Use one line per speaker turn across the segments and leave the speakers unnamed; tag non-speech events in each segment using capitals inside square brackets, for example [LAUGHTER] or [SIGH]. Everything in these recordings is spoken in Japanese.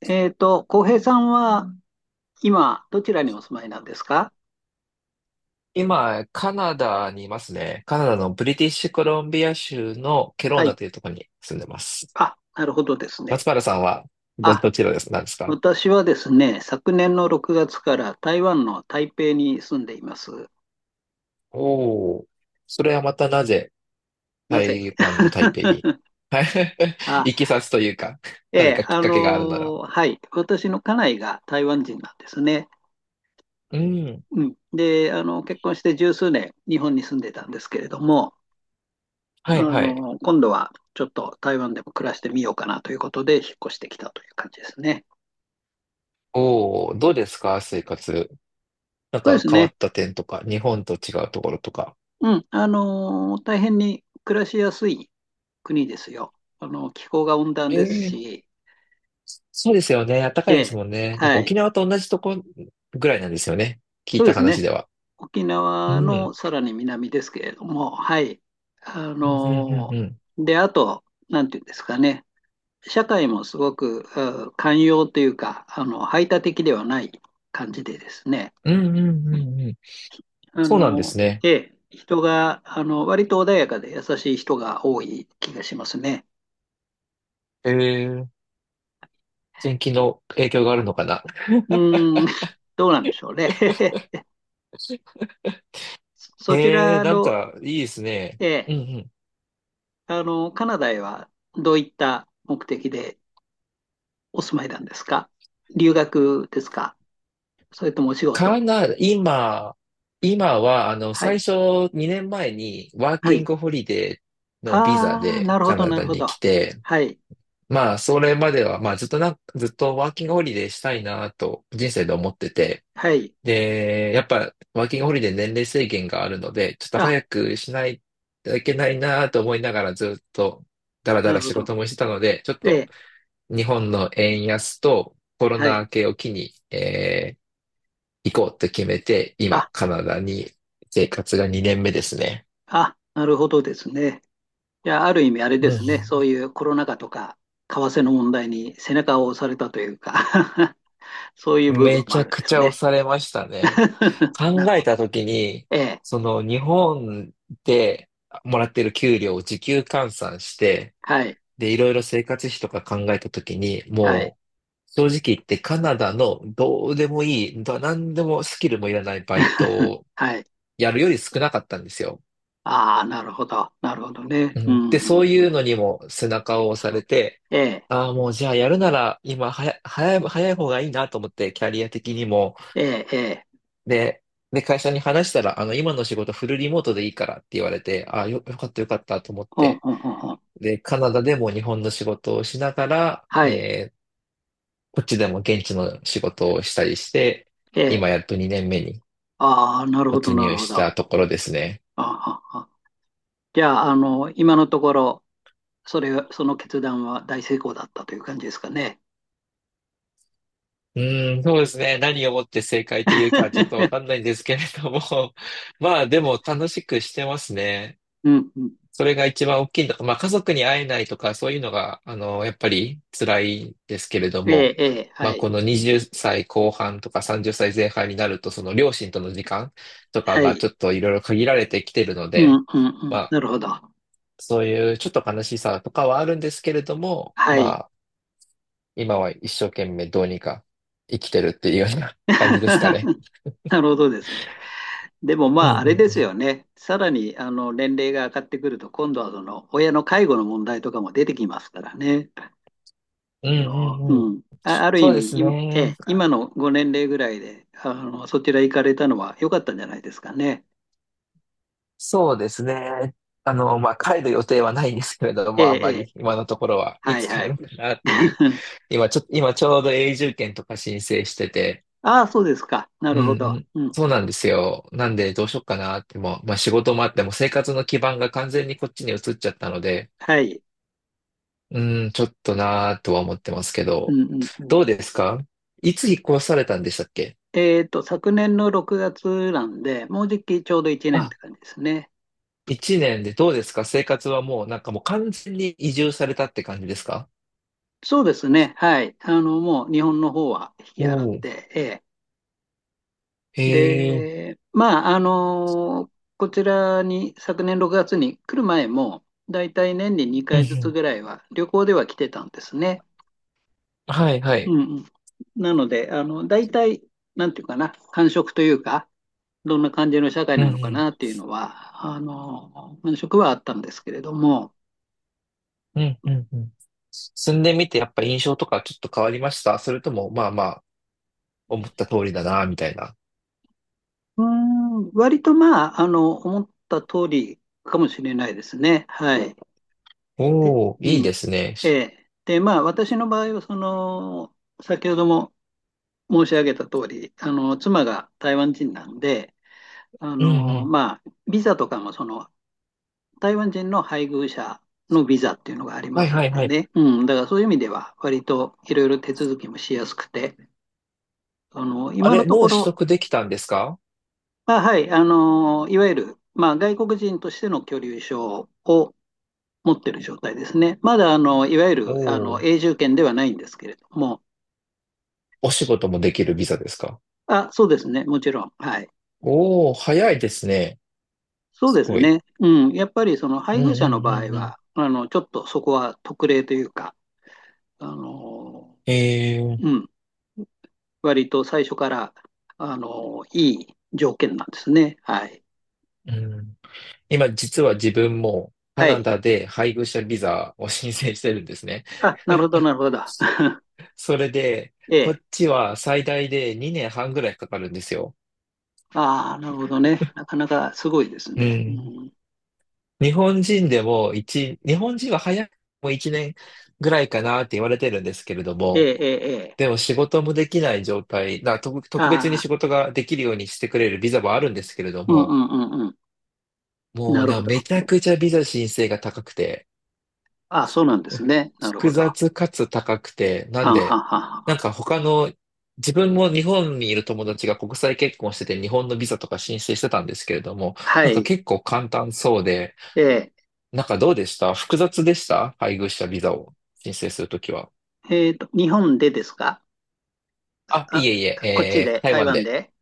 浩平さんは今、どちらにお住まいなんですか？
今、カナダにいますね。カナダのブリティッシュコロンビア州のケロー
は
ナ
い。
というところに住んでます。
あ、なるほどですね。
松原さんはど、
あ、
どちらなんですか？
私はですね、昨年の6月から台湾の台北に住んでいます。
おおー。それはまたなぜ
なぜ？
台湾の台北に
[LAUGHS]
[LAUGHS]
あ、
行きさつというか、
え
何
え、
かきっかけがあるなら。
はい。私の家内が台湾人なんですね。
うん。
うん。で、結婚して十数年、日本に住んでたんですけれども、
はいはい。
今度はちょっと台湾でも暮らしてみようかなということで、引っ越してきたという感じですね。
おお、どうですか生活。なん
そうで
か
す
変わ
ね。
った点とか、日本と違うところとか。
うん、大変に暮らしやすい国ですよ。気候が温暖
え
です
え、
し、
そうですよね。暖かいですもんね。なんか
はい、
沖縄と同じとこぐらいなんですよね。聞い
そう
た
です
話
ね。
では。
沖
う
縄の
ん。
さらに南ですけれども、はい。あ
うん、うん、う
の
ん、うん。
で、あと、なんていうんですかね、社会もすごく、うん、寛容というか、排他的ではない感じでですね、
うん、うん、うん、うん。
あ
そうなんで
の
すね。
ええ、人が、割と穏やかで優しい人が多い気がしますね。
ええ、天気の影響があるのかな。
うーん、[LAUGHS] どうなんでしょうね。[LAUGHS]
[LAUGHS]
そそち
ええ、
ら
なん
の、
か、いいですね。
え
う
え、
んうん。
カナダへはどういった目的でお住まいなんですか？留学ですか？それともお仕事？
カナダ、今は、
は
最
い。
初2年前にワー
は
キン
い。
グホリデーのビザ
ああ、
で
なるほ
カ
ど、
ナ
な
ダ
るほ
に
ど。
来て、
はい。
まあ、それまでは、まあ、ずっとワーキングホリデーしたいなと、人生で思ってて、
はい。
で、やっぱ、ワーキングホリデー年齢制限があるので、ちょっと
あ、
早くしないといけないなと思いながらずっと、だらだ
な
ら
るほ
仕
ど。
事もしてたので、ちょっ
え
と
え、
日本の円安とコロ
は
ナ
い。
明けを機に、行こうと決めて、
あ、
今、カナダに生活が2年目ですね。
あ、なるほどですね。いや、ある意味あれで
う
すね。そう
ん。
いうコロナ禍とか、為替の問題に背中を押されたというか。 [LAUGHS] そういう部
め
分も
ち
あ
ゃ
るん
く
で
ち
す
ゃ押
ね。
されましたね。
[LAUGHS] な
考
る
え
ほど。
た時に、
[LAUGHS] ええ、
その日本でもらってる給料を時給換算して、
はい。
で、いろいろ生活費とか考えたときに、
はい。
もう、正直言ってカナダのどうでもいい、何でもスキルもいらないバイト
[LAUGHS]
を
はい。
やるより少なかったんですよ。
ああ、なるほど。なるほどね。
う
う
ん、で、
ん、
そう
うん。
いうのにも背中を押されて、
ええ、
ああ、もうじゃあやるなら今はや、早い、早い方がいいなと思って、キャリア的にも。
ええ、ええ。
で、会社に話したら、今の仕事フルリモートでいいからって言われて、ああ、よかったよかったと思っ
ほん
て。
ほんほんほん。
で、カナダでも日本の仕事をしながら、
はい。
こっちでも現地の仕事をしたりして、
ええ。
今やっと2年目に
ああ、なるほど、
突
なる
入
ほ
した
ど。
ところですね。
ああ、ああ、じゃあ、今のところ、その決断は大成功だったという感じですかね。
うーん、そうですね。何をもって正解というか、ちょっとわか
[LAUGHS]
んないんですけれども。[LAUGHS] まあ、でも楽しくしてますね。
うん、うん。
それが一番大きいんだ。まあ、家族に会えないとか、そういうのが、やっぱり辛いですけれど
ええ、
も。
ええ、
ま
は
あ、
い。
この20歳後半とか30歳前半になると、その両親との時間とか
は
が
い。
ちょっといろいろ限られてきてるの
うん、う
で、
ん、うん。
ま
な
あ、
るほど。
そういうちょっと悲しさとかはあるんですけれども、
は
ま
い。
あ、今は一生懸命どうにか生きてるっていうような感じですかね。
[LAUGHS] なるほどですね。でも
う
まあ、あれです
ん
よね。さらに、年齢が上がってくると、今度はその、親の介護の問題とかも出てきますからね。
うんうんうんうんう
う
ん。
ん。あ、ある意
そうで
味、
す
え
ね。
え、今のご年齢ぐらいで、そちら行かれたのは良かったんじゃないですかね。
そうですね。まあ、帰る予定はないんですけれど
え
も、あ
え、
ん
え
ま
え、
り今のところはい
は
つ
い
帰
はい。
ろうかなっていう。
[LAUGHS]
今ちょうど永住権とか申請してて、
ああ、そうですか。な
うん。
るほ
うん
ど。
うん。
うん
そ
う
う
ん、
なんですよ。なんでどうしようかなってもう、まあ、仕事もあっても生活の基盤が完全にこっちに移っちゃったので、
はい。
うん、ちょっとなーとは思ってますけ
う
ど、
んうんうん。
どうですか？いつ引っ越されたんでしたっけ？
昨年の6月なんで、もうじきちょうど1年って
あ、
感じですね。
一年でどうですか？生活はもう、なんか、もう完全に移住されたって感じですか？
そうですね。はい。もう日本の方は引
お
き払っ
おー、
て、
へえ、
で、まあ、こちらに昨年6月に来る前も、だいたい年に
う
2
んう
回ずつ
ん、
ぐらいは旅行では来てたんですね。
はいは
う
い、
んうん。なので、だいたい、なんていうかな、感触というか、どんな感じの社会
うん
なのか
う
なっていうのは、感触はあったんですけれども、
ん、うんうんうん。住んでみてやっぱ印象とかちょっと変わりました？それともまあまあ思った通りだなーみたいな。
うーん、割とまあ、思った通りかもしれないですね。はい。で、
おお、いい
う
で
ん。
すね。
ええ。で、まあ、私の場合は、先ほども申し上げた通り、妻が台湾人なんで、
うんうん、
まあ、ビザとかも、台湾人の配偶者のビザっていうのがありま
はい
すん
はい
で
はい。
ね。うん。だから、そういう意味では、割といろいろ手続きもしやすくて、
あ
今の
れ、
と
も
こ
う取
ろ、
得できたんですか？
まあ、はい、いわゆる、まあ、外国人としての居留証を持ってる状態ですね。まだ、いわゆる、
おおー、
永住権ではないんですけれども、
お仕事もできるビザですか？
あ、そうですね、もちろん。はい。
おお、早いですね。
そう
す
です
ごい。
ね。うん。やっぱりその
うん
配偶
う
者の
ん
場
う
合
んうん。
は、ちょっとそこは特例というか、あの、
えー、
うん。割と最初から、いい条件なんですね。はい。
うん。今実は自分もカ
は
ナ
い。
ダで配偶者ビザを申請してるんですね。
あ、なるほど、なるほど。[LAUGHS]
それで、
え
こ
え。
っちは最大で2年半ぐらいかかるんですよ。
ああ、なるほどね。なかなかすごいです
う
ね。う
ん。
ん、
日本人でも日本人は早くても1年ぐらいかなって言われてるんですけれど
ええ、
も、
ええ、ええ。
でも仕事もできない状態、特別
あ
に
あ、
仕事ができるようにしてくれるビザもあるんですけれど
うんう
も、
んうんうん。
もう
なる
なん
ほ
か
ど。
めちゃくちゃビザ申請が高くて、
ああ、そうなんです
[LAUGHS]
ね。なる
複
ほど。
雑かつ高くて、な
は
ん
んはん
で、
はんは
なん
ん。
か他の、自分も日本にいる友達が国際結婚してて日本のビザとか申請してたんですけれども、
は
なんか
い。
結構簡単そうで、
ええ。
なんかどうでした？複雑でした？配偶者ビザを申請するときは。
日本でですか？
い
あ、
えいえ、
こっちで、
台
台
湾
湾
で。
で。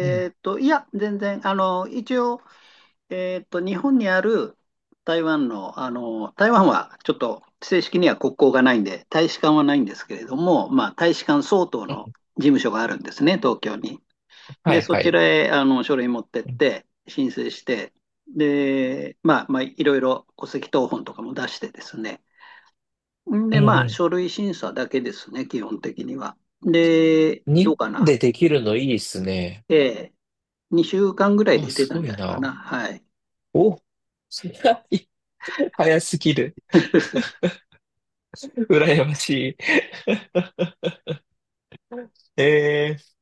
うん。
ーっと、いや、全然、一応、日本にある台湾の、台湾はちょっと正式には国交がないんで、大使館はないんですけれども、まあ、大使館相当
う
の
ん、
事務所があるんですね、東京に。
は
で、
い
そ
は
ち
い。
らへ、書類持ってっ
うん
て、申請して、で、まあ、いろいろ戸籍謄本とかも出してですね。ん
う
で、まあ、
ん
書類審査だけですね、基本的には。で、
うん。日
どう
本
かな。
でできるのいいですね。
ええ、2週間ぐらい
あ、
出て
す
たん
ご
じゃ
い
ないか
な。
な。はい。
お、[LAUGHS] い早すぎる。
[LAUGHS]
羨ましい。[LAUGHS] えー、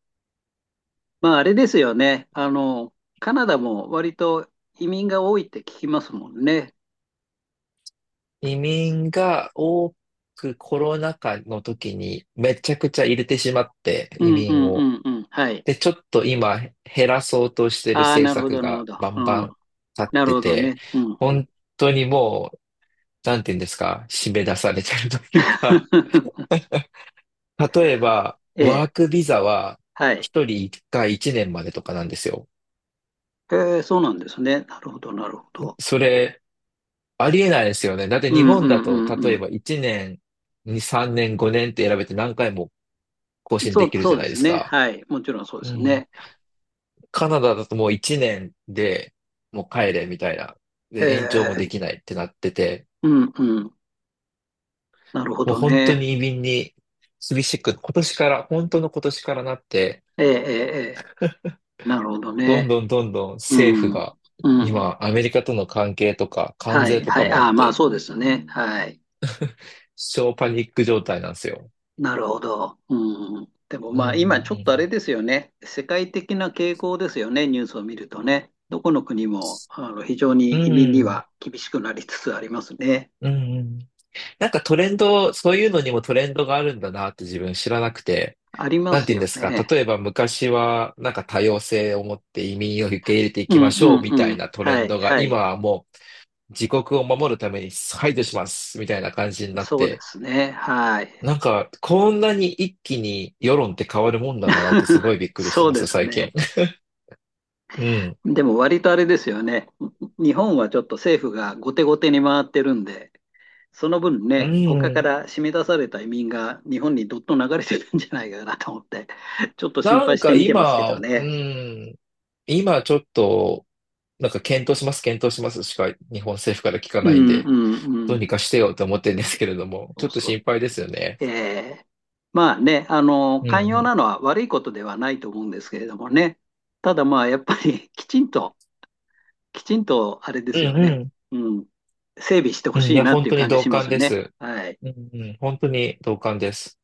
まあ、あれですよね。カナダも割と移民が多いって聞きますもんね。
移民が多くコロナ禍の時にめちゃくちゃ入れてしまって、
う
移
んう
民
ん
を。
うんうん。はい。
で、ちょっと今減らそうとしてる
ああ、
政
なるほ
策
ど、なるほ
が
ど。
バンバ
うん。
ン立っ
なる
て
ほど
て、
ね。うんうん。
本当にもう、なんて言うんですか、締め出されてるというか、
[LAUGHS]
例えば、
ええ、
ワークビザは
はい。
一人一回一年までとかなんですよ。
ええ、そうなんですね。なるほど、なるほど。
それ、ありえないですよね。だって
う
日
んうん
本だと、
うん
例
う
え
ん。
ば1年、2、3年、5年って選べて何回も更新
そ
で
う、
きるじ
そ
ゃ
う
な
で
いで
す
す
ね。
か。
はい。もちろんそうで
う
す
ん。
ね。
カナダだともう1年でもう帰れみたいな。
え
で、延長もで
え、
きないってなってて、
うんうん。なるほ
もう
ど
本当
ね。
に移民に厳しく、今年から、本当の今年からなって、
ええ、ええ、ええ、なるほど
ど
ね。
んどんどんどん政府
うん。
が、
うん。
今、アメリカとの関係とか、関
は
税
い。
と
は
か
い。
もあ
あ
っ
あ、まあ
て、
そうですよね。はい。
超パニック状態なんですよ。
なるほど。うん。でも
う
まあ今ちょっと
ん
あれですよね。世界的な傾向ですよね。ニュースを見るとね。どこの国も非常に
う
移
ん
民
う
には
ん。
厳しくなりつつありますね。
うん。うんうん。なんかトレンド、そういうのにもトレンドがあるんだなって自分知らなくて、
ありま
なん
す
て言うんで
よ
すか、
ね。
例えば昔はなんか多様性を持って移民を受け入れてい
う
きま
ん
し
う
ょう
ん
み
う
たい
ん。
なトレ
は
ン
い。
ドが、
は
今
い。
はもう自国を守るために排除しますみたいな感じになっ
そうで
て、
すね。はい。
なんかこんなに一気に世論って変わるもんだなってすご
[LAUGHS]
いびっくりして
そう
ま
で
す、
す
最
ね。
近。[LAUGHS] うん。
でも割とあれですよね。日本はちょっと政府が後手後手に回ってるんで、その分
う
ね、他か
ん。
ら締め出された移民が日本にどっと流れてるんじゃないかなと思って、ちょっと心
な
配
ん
し
か
て見てますけど
う
ね。
ん、今ちょっと、なんか検討します、検討しますしか日本政府から聞か
うん
な
う
いん
ん
で、
う
どうに
ん。
かしてよと思ってるんですけれども、
そ
ちょっ
う
と
そ
心
う。
配ですよね。
ええ、まあね、
うん
寛
う
容
ん。
なのは悪いことではないと思うんですけれどもね。ただまあ、やっぱり [LAUGHS] きちんとあれで
う
す
ん
よ
う
ね。
ん。
うん。整備して
う
ほ
ん、い
しい
や、
なっ
本
ていう
当に
感じ
同
しま
感
す
で
ね。
す。
はい。
うんうん。本当に同感です。